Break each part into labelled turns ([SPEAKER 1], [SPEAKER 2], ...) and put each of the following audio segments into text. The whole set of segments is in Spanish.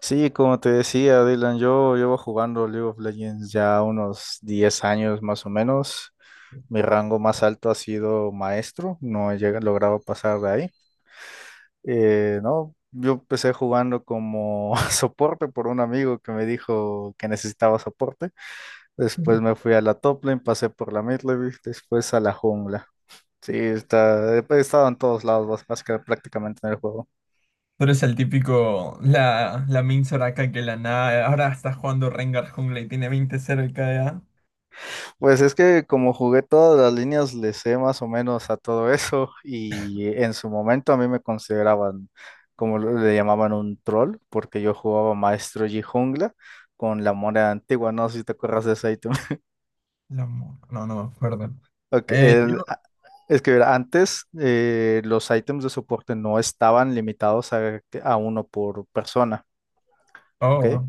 [SPEAKER 1] Sí, como te decía, Dylan, yo llevo jugando League of Legends ya unos 10 años más o menos. Mi rango más alto ha sido maestro, no he logrado pasar de ahí. No, yo empecé jugando como soporte por un amigo que me dijo que necesitaba soporte. Después
[SPEAKER 2] Pero
[SPEAKER 1] me fui a la top lane, pasé por la mid lane, después a la jungla. Sí, he estado en todos lados, básicamente prácticamente en el juego.
[SPEAKER 2] es el típico, la Min Soraka que la nada, ahora está jugando Rengar jungla y tiene 20 cero de KDA.
[SPEAKER 1] Pues es que como jugué todas las líneas, le sé más o menos a todo eso y en su momento a mí me consideraban, como le llamaban, un troll, porque yo jugaba Maestro y Jungla con la moneda antigua, no sé si te acuerdas de ese ítem.
[SPEAKER 2] No, no me acuerdo.
[SPEAKER 1] Ok,
[SPEAKER 2] Eh,
[SPEAKER 1] el-
[SPEAKER 2] yo-
[SPEAKER 1] a- es que mira, antes los ítems de soporte no estaban limitados a uno por persona, ¿ok?
[SPEAKER 2] oh,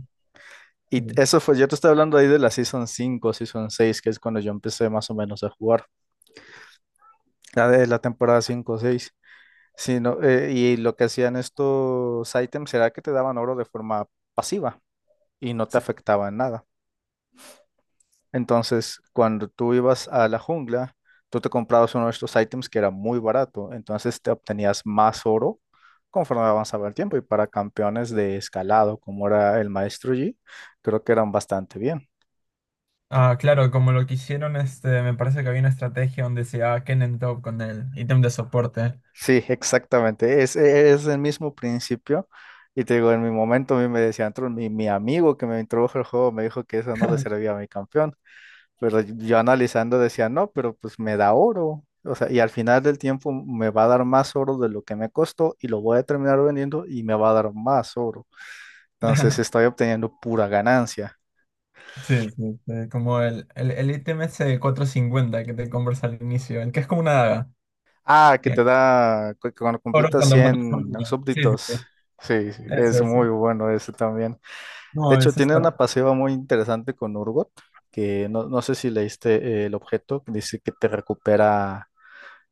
[SPEAKER 1] Y
[SPEAKER 2] sí.
[SPEAKER 1] eso fue, yo te estoy hablando ahí de la Season 5, Season 6 que es cuando yo empecé más o menos a jugar, la de la temporada 5 o 6. Sí, no, y lo que hacían estos ítems era que te daban oro de forma pasiva y no te
[SPEAKER 2] Sí.
[SPEAKER 1] afectaba en nada. Entonces, cuando tú ibas a la jungla, tú te comprabas uno de estos ítems que era muy barato, entonces te obtenías más oro conforme avanzaba el tiempo. Y para campeones de escalado, como era el Maestro Yi, creo que eran bastante bien.
[SPEAKER 2] Ah, claro, como lo que hicieron, este, me parece que había una estrategia donde se llevaba Kennen top con el ítem de soporte.
[SPEAKER 1] Sí, exactamente. Es el mismo principio. Y te digo, en mi momento a mí me decían, "Tron, mi amigo que me introdujo al juego me dijo que eso no le servía a mi campeón. Pero yo analizando decía, no, pero pues me da oro. O sea, y al final del tiempo me va a dar más oro de lo que me costó y lo voy a terminar vendiendo y me va a dar más oro. Entonces estoy obteniendo pura ganancia.
[SPEAKER 2] Sí, sí, sí, como el ítem ese de 450 que te compras al inicio, el que es como una daga.
[SPEAKER 1] Ah, que te
[SPEAKER 2] Bien.
[SPEAKER 1] da, cuando
[SPEAKER 2] Oro
[SPEAKER 1] completas
[SPEAKER 2] cuando matas a un
[SPEAKER 1] 100
[SPEAKER 2] niño. Sí, sí, sí.
[SPEAKER 1] súbditos. Sí, sí, es
[SPEAKER 2] Eso, sí.
[SPEAKER 1] muy bueno ese también. De
[SPEAKER 2] No,
[SPEAKER 1] hecho,
[SPEAKER 2] eso
[SPEAKER 1] tiene
[SPEAKER 2] está.
[SPEAKER 1] una pasiva muy interesante con Urgot, que no sé si leíste el objeto, que dice que te recupera.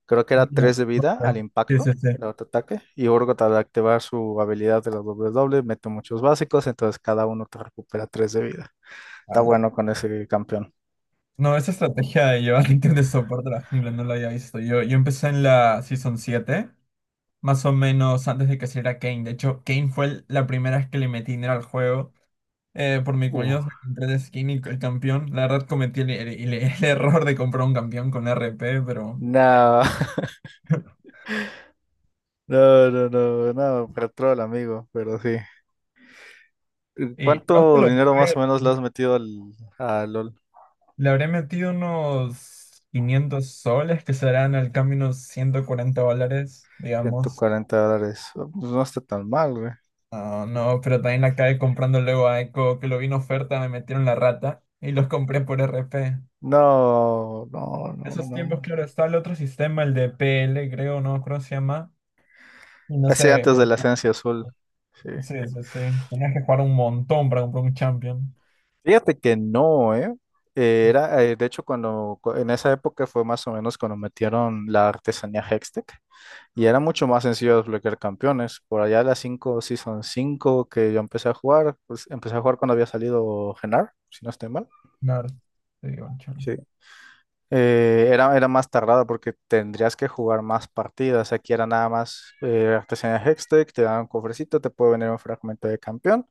[SPEAKER 1] Creo que era
[SPEAKER 2] Mira,
[SPEAKER 1] 3 de
[SPEAKER 2] ok.
[SPEAKER 1] vida al
[SPEAKER 2] Sí,
[SPEAKER 1] impacto
[SPEAKER 2] sí, sí.
[SPEAKER 1] de autoataque. Y Urgot al activar su habilidad de la doble mete muchos básicos, entonces cada uno te recupera 3 de vida. Está
[SPEAKER 2] Ala.
[SPEAKER 1] bueno con ese campeón.
[SPEAKER 2] No, esa estrategia de llevar ítem de soporte a la jungla no la había visto. Yo empecé en la Season 7 más o menos antes de que saliera Kane. De hecho, Kane fue la primera vez que le metí dinero al juego. Por mi
[SPEAKER 1] Uh,
[SPEAKER 2] comunidad me compré el skin y el campeón. La verdad cometí el error de comprar un campeón con RP, pero...
[SPEAKER 1] no, no, no, no, no, pero troll, amigo, pero sí.
[SPEAKER 2] Y no te
[SPEAKER 1] ¿Cuánto
[SPEAKER 2] lo
[SPEAKER 1] dinero más
[SPEAKER 2] creo.
[SPEAKER 1] o menos le has metido a LOL?
[SPEAKER 2] Le habré metido unos 500 soles, que serán al cambio unos 140 dólares,
[SPEAKER 1] ciento
[SPEAKER 2] digamos.
[SPEAKER 1] cuarenta dólares. Pues no está tan mal, güey.
[SPEAKER 2] Ah, no, pero también la acabé comprando luego a Eco, que lo vi en oferta, me metieron la rata y los compré por RP.
[SPEAKER 1] No, no, no,
[SPEAKER 2] Esos
[SPEAKER 1] no.
[SPEAKER 2] tiempos, claro, está el otro sistema, el de PL, creo, no creo se llama. Y no
[SPEAKER 1] Así
[SPEAKER 2] sé.
[SPEAKER 1] antes de la esencia azul. Sí.
[SPEAKER 2] Sí, sí, sí. Tenías que jugar un montón para comprar un champion.
[SPEAKER 1] Fíjate que no, ¿eh? De hecho, cuando en esa época fue más o menos cuando metieron la artesanía Hextech y era mucho más sencillo desbloquear campeones. Por allá las 5, Season 5 que yo empecé a jugar, pues empecé a jugar cuando había salido Genar, si no estoy mal.
[SPEAKER 2] Claro, te digo, un champion.
[SPEAKER 1] Sí. Era más tardado porque tendrías que jugar más partidas. Aquí era nada más artesanía Hextech, te dan un cofrecito, te puede venir un fragmento de campeón.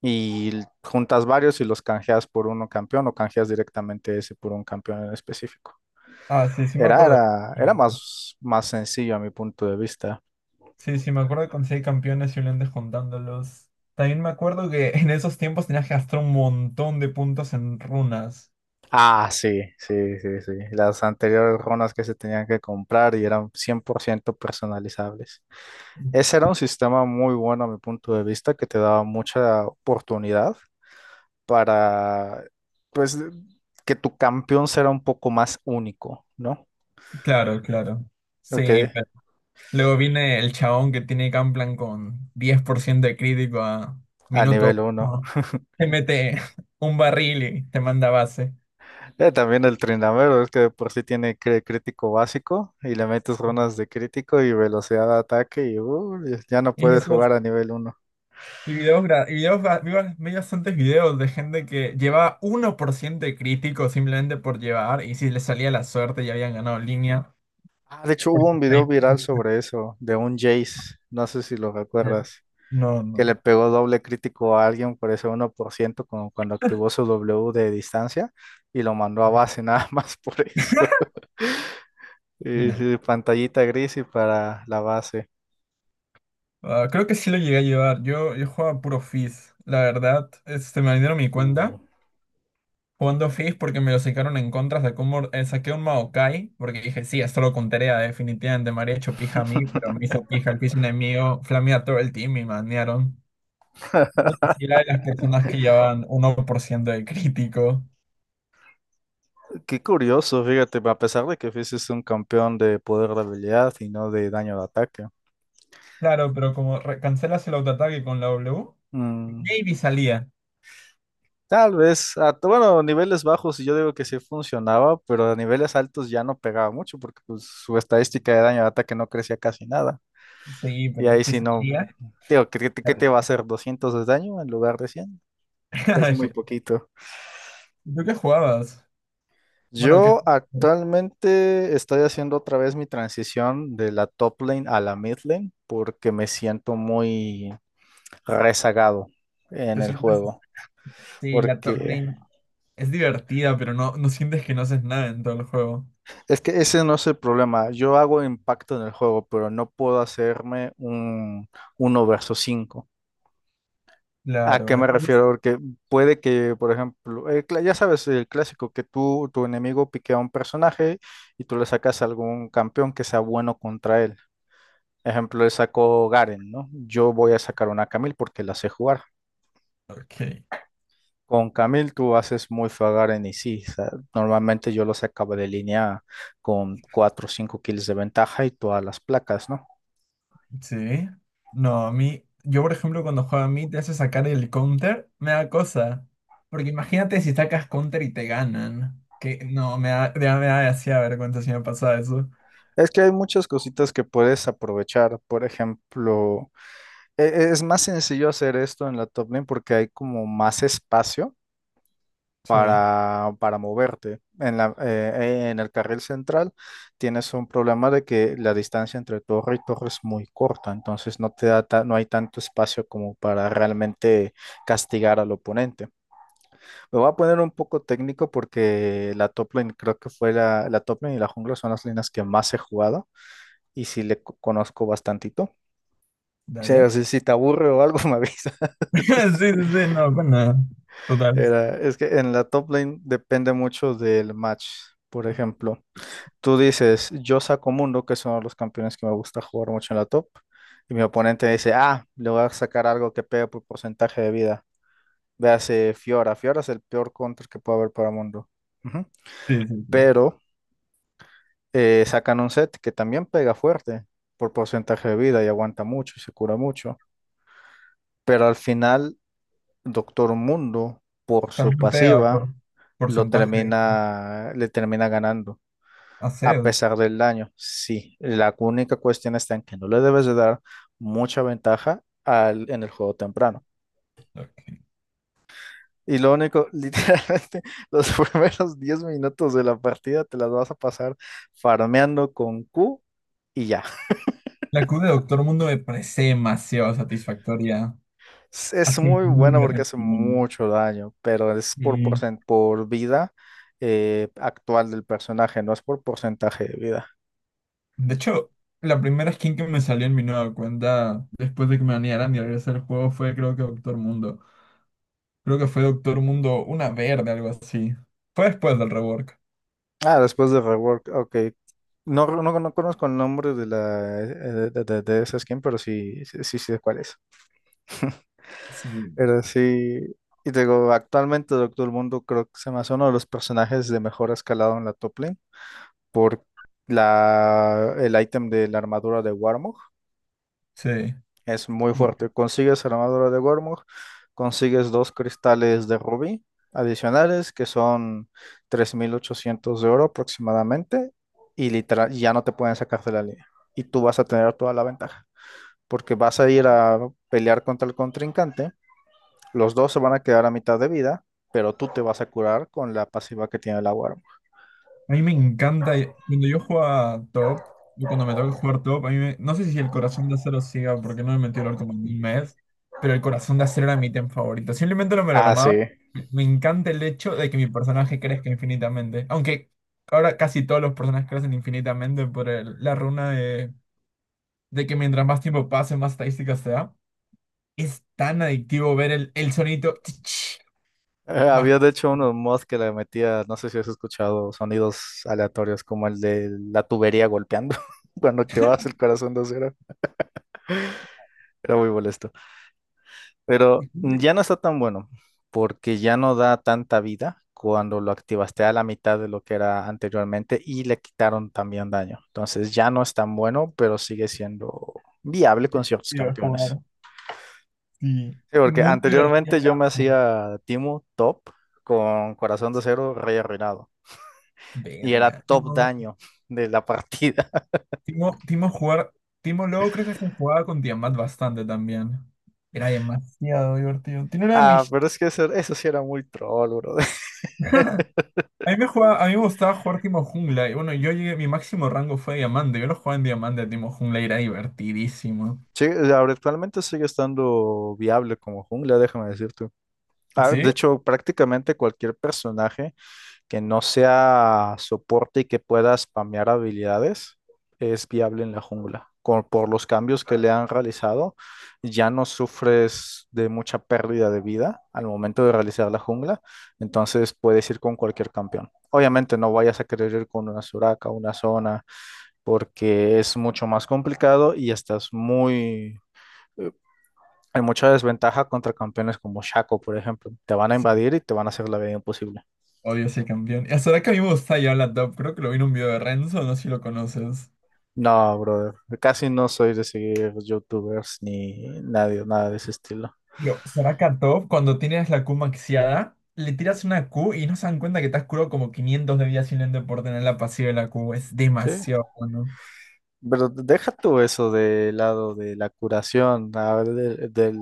[SPEAKER 1] Y juntas varios y los canjeas por uno campeón o canjeas directamente ese por un campeón en específico.
[SPEAKER 2] Ah, sí, sí me
[SPEAKER 1] Era,
[SPEAKER 2] acuerdo.
[SPEAKER 1] era, era
[SPEAKER 2] que-
[SPEAKER 1] más sencillo a mi punto de vista.
[SPEAKER 2] Sí, sí me acuerdo que conseguí campeones y un juntándolos. También me acuerdo que en esos tiempos tenías que gastar un montón de puntos en runas.
[SPEAKER 1] Ah, sí, sí, sí, sí. Las anteriores runas que se tenían que comprar y eran 100% personalizables. Ese era un sistema muy bueno a mi punto de vista que te daba mucha oportunidad para, pues, que tu campeón será un poco más único, ¿no?
[SPEAKER 2] Claro, claro. Sí.
[SPEAKER 1] Porque
[SPEAKER 2] Luego viene el chabón que tiene Gunplan con 10% de crítico a
[SPEAKER 1] a
[SPEAKER 2] minuto
[SPEAKER 1] nivel uno.
[SPEAKER 2] uno. Te mete un barril y te manda a base.
[SPEAKER 1] También el Trindamero, es que de por sí tiene crítico básico y le metes runas de crítico y velocidad de ataque y ya no
[SPEAKER 2] Y
[SPEAKER 1] puedes
[SPEAKER 2] esos
[SPEAKER 1] jugar a nivel uno.
[SPEAKER 2] y videos, gra- y videos ba- vi bastantes videos de gente que llevaba 1% de crítico simplemente por llevar y si les salía la suerte ya habían ganado línea.
[SPEAKER 1] Ah, de hecho hubo
[SPEAKER 2] Porque
[SPEAKER 1] un video
[SPEAKER 2] ahí-
[SPEAKER 1] viral sobre eso, de un Jace, no sé si lo recuerdas,
[SPEAKER 2] No,
[SPEAKER 1] que
[SPEAKER 2] no.
[SPEAKER 1] le pegó doble crítico a alguien por ese 1% como cuando activó su W de distancia y lo mandó a base nada más por eso. Y,
[SPEAKER 2] Nada.
[SPEAKER 1] sí, pantallita gris y para la base.
[SPEAKER 2] Ah, creo que sí lo llegué a llevar. Yo jugaba puro Fizz. La verdad, este, me vendieron mi
[SPEAKER 1] Uh.
[SPEAKER 2] cuenta. Jugando Fizz porque me lo sacaron en contra, saqué un Maokai, porque dije, sí, esto lo contaría definitivamente me habría hecho pija a mí, pero me hizo pija el piso enemigo, flamea todo el team y manearon. Creo que sí era de las personas que llevaban 1% de crítico.
[SPEAKER 1] Qué curioso, fíjate, a pesar de que Fizz es un campeón de poder de habilidad y no de daño de ataque.
[SPEAKER 2] Claro, pero como cancelas el autoataque con la W,
[SPEAKER 1] Mm,
[SPEAKER 2] maybe salía.
[SPEAKER 1] Tal vez, bueno, a niveles bajos yo digo que sí funcionaba, pero a niveles altos ya no pegaba mucho porque pues, su estadística de daño de ataque no crecía casi nada.
[SPEAKER 2] Sí,
[SPEAKER 1] Y
[SPEAKER 2] pero
[SPEAKER 1] ahí
[SPEAKER 2] si
[SPEAKER 1] sí no,
[SPEAKER 2] salía.
[SPEAKER 1] digo, qué te va a hacer? 200 de daño en lugar de 100. Es muy
[SPEAKER 2] Perfecto.
[SPEAKER 1] poquito.
[SPEAKER 2] ¿Tú qué jugabas? Bueno, ¿qué
[SPEAKER 1] Yo
[SPEAKER 2] jugabas?
[SPEAKER 1] actualmente estoy haciendo otra vez mi transición de la top lane a la mid lane porque me siento muy rezagado en
[SPEAKER 2] ¿Te
[SPEAKER 1] el
[SPEAKER 2] sientes?
[SPEAKER 1] juego,
[SPEAKER 2] Sí, la top
[SPEAKER 1] porque
[SPEAKER 2] lane es divertida, pero no, no sientes que no haces nada en todo el juego.
[SPEAKER 1] es que ese no es el problema. Yo hago impacto en el juego, pero no puedo hacerme un uno versus cinco. ¿A qué
[SPEAKER 2] Claro,
[SPEAKER 1] me
[SPEAKER 2] entonces,
[SPEAKER 1] refiero? Porque puede que, por ejemplo, el ya sabes, el clásico que tu enemigo piquea a un personaje y tú le sacas a algún campeón que sea bueno contra él. Ejemplo, le sacó Garen, ¿no? Yo voy a sacar una Camille porque la sé jugar.
[SPEAKER 2] ok,
[SPEAKER 1] Con Camil tú haces muy fagar en IC. O sea, normalmente yo lo sacaba de línea con 4 o 5 kills de ventaja y todas las placas, ¿no?
[SPEAKER 2] sí. No, a mí, yo por ejemplo cuando juega a mí te hace sacar el counter, me da cosa. Porque imagínate si sacas counter y te ganan. Que no, me da, ya me da hacía vergüenza si me pasaba eso.
[SPEAKER 1] Es que hay muchas cositas que puedes aprovechar. Por ejemplo, es más sencillo hacer esto en la top lane porque hay como más espacio
[SPEAKER 2] Sí,
[SPEAKER 1] para moverte. En el carril central tienes un problema de que la distancia entre torre y torre es muy corta, entonces no te da no hay tanto espacio como para realmente castigar al oponente. Me voy a poner un poco técnico porque la top lane creo que fue la top lane y la jungla son las líneas que más he jugado y sí le conozco bastantito. O sea,
[SPEAKER 2] dale.
[SPEAKER 1] si, si te aburre o algo me avisa.
[SPEAKER 2] Sí, sí, sí, no, pues nada. Total.
[SPEAKER 1] Es que en la top lane depende mucho del match. Por ejemplo, tú dices, yo saco Mundo, que son los campeones que me gusta jugar mucho en la top. Y mi oponente dice, ah, le voy a sacar algo que pegue por porcentaje de vida. Véase Fiora. Fiora es el peor counter que puede haber para Mundo. Ujú.
[SPEAKER 2] Sí, sí, sí.
[SPEAKER 1] Pero sacan un set que también pega fuerte por porcentaje de vida y aguanta mucho y se cura mucho. Pero al final, Doctor Mundo, por su
[SPEAKER 2] También pega por
[SPEAKER 1] pasiva, lo
[SPEAKER 2] porcentaje.
[SPEAKER 1] termina, le termina ganando. A
[SPEAKER 2] Hacer.
[SPEAKER 1] pesar del daño, sí. La única cuestión está en que no le debes de dar mucha ventaja en el juego temprano.
[SPEAKER 2] Ok.
[SPEAKER 1] Y lo único, literalmente, los primeros 10 minutos de la partida te las vas a pasar farmeando con Q y ya.
[SPEAKER 2] La Q de Doctor Mundo me parece demasiado satisfactoria.
[SPEAKER 1] Es
[SPEAKER 2] Así
[SPEAKER 1] muy
[SPEAKER 2] muy
[SPEAKER 1] buena porque hace mucho daño, pero es por,
[SPEAKER 2] real.
[SPEAKER 1] por vida actual del personaje, no es por porcentaje de vida.
[SPEAKER 2] De hecho, la primera skin que me salió en mi nueva cuenta después de que me banearan y regresé al juego fue creo que Doctor Mundo. Creo que fue Doctor Mundo una verde, algo así. Fue después del rework.
[SPEAKER 1] Ah, después de Rework, ok. No, no, no conozco el nombre de esa skin, pero sí, sí, sí sé cuál es.
[SPEAKER 2] Sí.
[SPEAKER 1] Pero sí, y te digo, actualmente Doctor Mundo creo que se me hace uno de los personajes de mejor escalado en la top lane por el ítem de la armadura de Warmog.
[SPEAKER 2] Sí.
[SPEAKER 1] Es muy fuerte. Consigues armadura de Gormog, consigues dos cristales de rubí adicionales que son 3.800 de oro aproximadamente y literal ya no te pueden sacar de la línea. Y tú vas a tener toda la ventaja porque vas a ir a pelear contra el contrincante. Los dos se van a quedar a mitad de vida, pero tú te vas a curar con la pasiva que tiene la Gormog.
[SPEAKER 2] A mí me encanta, cuando yo juego top, o cuando me toca jugar top, no sé si el corazón de acero siga, porque no me metió LOL como en un mes, pero el corazón de acero era mi item favorito. Simplemente no me lo
[SPEAKER 1] Ah, sí.
[SPEAKER 2] armaba. Me encanta el hecho de que mi personaje crezca infinitamente. Aunque ahora casi todos los personajes crecen infinitamente por la runa de que mientras más tiempo pase, más estadísticas se da. Es tan adictivo ver el sonito más.
[SPEAKER 1] Había de hecho unos mods que le metía, no sé si has escuchado, sonidos aleatorios como el de la tubería golpeando cuando activabas el corazón de cero. Era muy molesto. Pero
[SPEAKER 2] Y
[SPEAKER 1] ya no está tan bueno porque ya no da tanta vida cuando lo activaste a la mitad de lo que era anteriormente y le quitaron también daño. Entonces ya no es tan bueno, pero sigue siendo viable con ciertos campeones.
[SPEAKER 2] jugar. Sí.
[SPEAKER 1] Sí, porque
[SPEAKER 2] Muy divertido.
[SPEAKER 1] anteriormente yo me hacía Timo top con corazón de cero, rey arruinado. Y era
[SPEAKER 2] Verga.
[SPEAKER 1] top
[SPEAKER 2] No.
[SPEAKER 1] daño de la partida.
[SPEAKER 2] Timo jugar. Timo luego creo que se jugaba con Tiamat bastante también. Era demasiado divertido. Tiene una de
[SPEAKER 1] Ah,
[SPEAKER 2] mis.
[SPEAKER 1] pero es que eso sí era muy troll, bro.
[SPEAKER 2] A mí me gustaba jugar Timo Jungla. Y bueno, yo llegué, mi máximo rango fue diamante. Yo lo jugaba en diamante a Timo Jungla y era divertidísimo.
[SPEAKER 1] Sí, ahora actualmente sigue estando viable como jungla, déjame decirte. Ah, de
[SPEAKER 2] ¿Sí?
[SPEAKER 1] hecho, prácticamente cualquier personaje que no sea soporte y que pueda spamear habilidades, es viable en la jungla. Por los cambios que le han realizado, ya no sufres de mucha pérdida de vida al momento de realizar la jungla, entonces puedes ir con cualquier campeón. Obviamente no vayas a querer ir con una Soraka, una zona, porque es mucho más complicado y estás muy. eh, Hay mucha desventaja contra campeones como Shaco, por ejemplo. Te van a
[SPEAKER 2] Sí.
[SPEAKER 1] invadir y te van a hacer la vida imposible.
[SPEAKER 2] Odio ese campeón. Y hasta ahora que a mí me gusta ya la top. Creo que lo vi en un video de Renzo, no sé si lo conoces.
[SPEAKER 1] No, brother. Casi no soy de seguir youtubers ni nadie, nada de ese estilo.
[SPEAKER 2] Pero será Katov cuando tienes la Q maxiada, le tiras una Q y no se dan cuenta que te has curado como 500 de vida simplemente por tener la pasiva de la Q. Es
[SPEAKER 1] Sí.
[SPEAKER 2] demasiado bueno.
[SPEAKER 1] Pero deja tú eso de lado de la curación, a ver,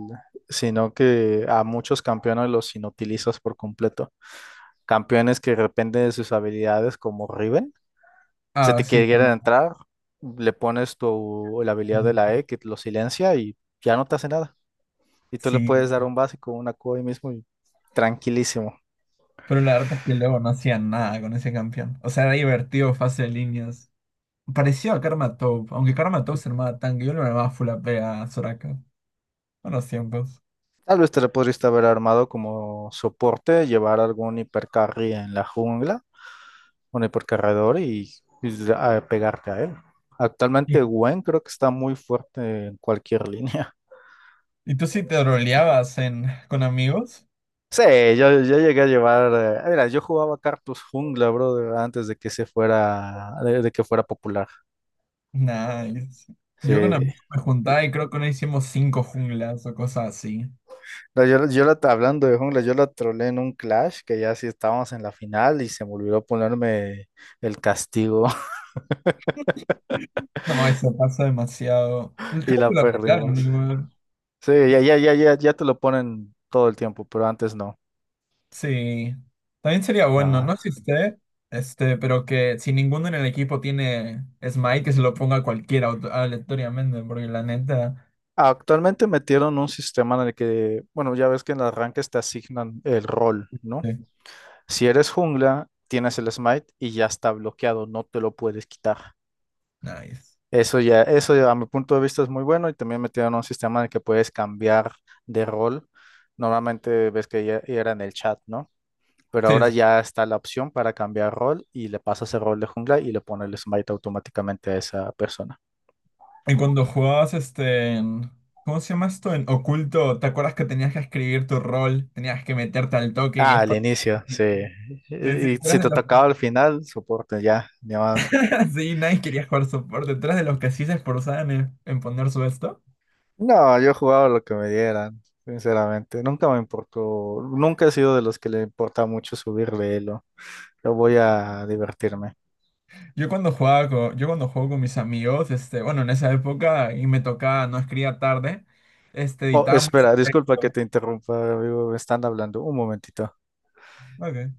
[SPEAKER 1] sino que a muchos campeones los inutilizas por completo. Campeones que dependen de sus habilidades, como Riven, se
[SPEAKER 2] Ah,
[SPEAKER 1] te
[SPEAKER 2] sí,
[SPEAKER 1] quieren
[SPEAKER 2] bueno,
[SPEAKER 1] entrar, le pones tu, la
[SPEAKER 2] sí.
[SPEAKER 1] habilidad de la E que lo silencia y ya no te hace nada. Y tú le
[SPEAKER 2] Sí.
[SPEAKER 1] puedes dar un básico, una Q ahí mismo y tranquilísimo.
[SPEAKER 2] Pero la verdad es que luego no hacían nada con ese campeón. O sea, era divertido, fase de líneas. Pareció a Karma Top, aunque Karma Top se armaba tanque, yo lo armaba full AP a Soraka. Buenos tiempos.
[SPEAKER 1] Tal vez te le podrías haber armado como soporte, llevar algún hipercarry en la jungla, un hipercarredor y pegarte a él.
[SPEAKER 2] ¿Y,
[SPEAKER 1] Actualmente Gwen creo que está muy fuerte en cualquier línea.
[SPEAKER 2] y tú sí te roleabas en, con amigos?
[SPEAKER 1] Sí, yo llegué a llevar, mira, yo jugaba Cartus jungla, brother, antes de que se fuera, de que fuera popular.
[SPEAKER 2] Nice. Yo con
[SPEAKER 1] Sí.
[SPEAKER 2] amigos me juntaba y creo que no hicimos cinco junglas o cosas así.
[SPEAKER 1] No, hablando de jungla, yo la trolé en un clash que ya sí estábamos en la final y se me olvidó ponerme el castigo
[SPEAKER 2] No, eso pasa demasiado. Creo
[SPEAKER 1] y
[SPEAKER 2] que
[SPEAKER 1] la
[SPEAKER 2] lo arreglaron
[SPEAKER 1] perdimos.
[SPEAKER 2] igual.
[SPEAKER 1] Sí, ya, ya, ya, ya, ya te lo ponen todo el tiempo, pero antes no.
[SPEAKER 2] Sí. También sería bueno, no
[SPEAKER 1] Ah.
[SPEAKER 2] existe, este, pero que si ninguno en el equipo tiene Smite, que se lo ponga a cualquiera aleatoriamente, porque la neta.
[SPEAKER 1] Actualmente metieron un sistema en el que, bueno, ya ves que en el arranques te asignan el rol, ¿no?
[SPEAKER 2] Sí.
[SPEAKER 1] Si eres jungla, tienes el smite y ya está bloqueado, no te lo puedes quitar.
[SPEAKER 2] Nice.
[SPEAKER 1] Eso ya, a mi punto de vista es muy bueno y también metieron un sistema en el que puedes cambiar de rol. Normalmente ves que ya, ya era en el chat, ¿no? Pero
[SPEAKER 2] Sí,
[SPEAKER 1] ahora
[SPEAKER 2] sí.
[SPEAKER 1] ya está la opción para cambiar rol y le pasas el rol de jungla y le pone el smite automáticamente a esa persona.
[SPEAKER 2] En cuando jugabas este. ¿Cómo se llama esto? En oculto, ¿te acuerdas que tenías que escribir tu rol? Tenías que meterte al toque y
[SPEAKER 1] Ah,
[SPEAKER 2] es.
[SPEAKER 1] al inicio, sí.
[SPEAKER 2] Sí, sí,
[SPEAKER 1] Y
[SPEAKER 2] tú
[SPEAKER 1] si
[SPEAKER 2] eras de
[SPEAKER 1] te
[SPEAKER 2] los
[SPEAKER 1] tocaba al final, soporte ya, llamada.
[SPEAKER 2] Sí, nadie quería jugar support. Detrás de los que sí se esforzaban en poner su esto.
[SPEAKER 1] No, yo jugaba lo que me dieran, sinceramente. Nunca me importó, nunca he sido de los que le importa mucho subirle elo. Yo voy a divertirme.
[SPEAKER 2] Yo cuando juego con mis amigos, este, bueno, en esa época y me tocaba, no escribía tarde, este,
[SPEAKER 1] Oh,
[SPEAKER 2] editábamos
[SPEAKER 1] espera, disculpa que
[SPEAKER 2] texto.
[SPEAKER 1] te interrumpa, amigo, me están hablando. Un momentito.
[SPEAKER 2] Ok.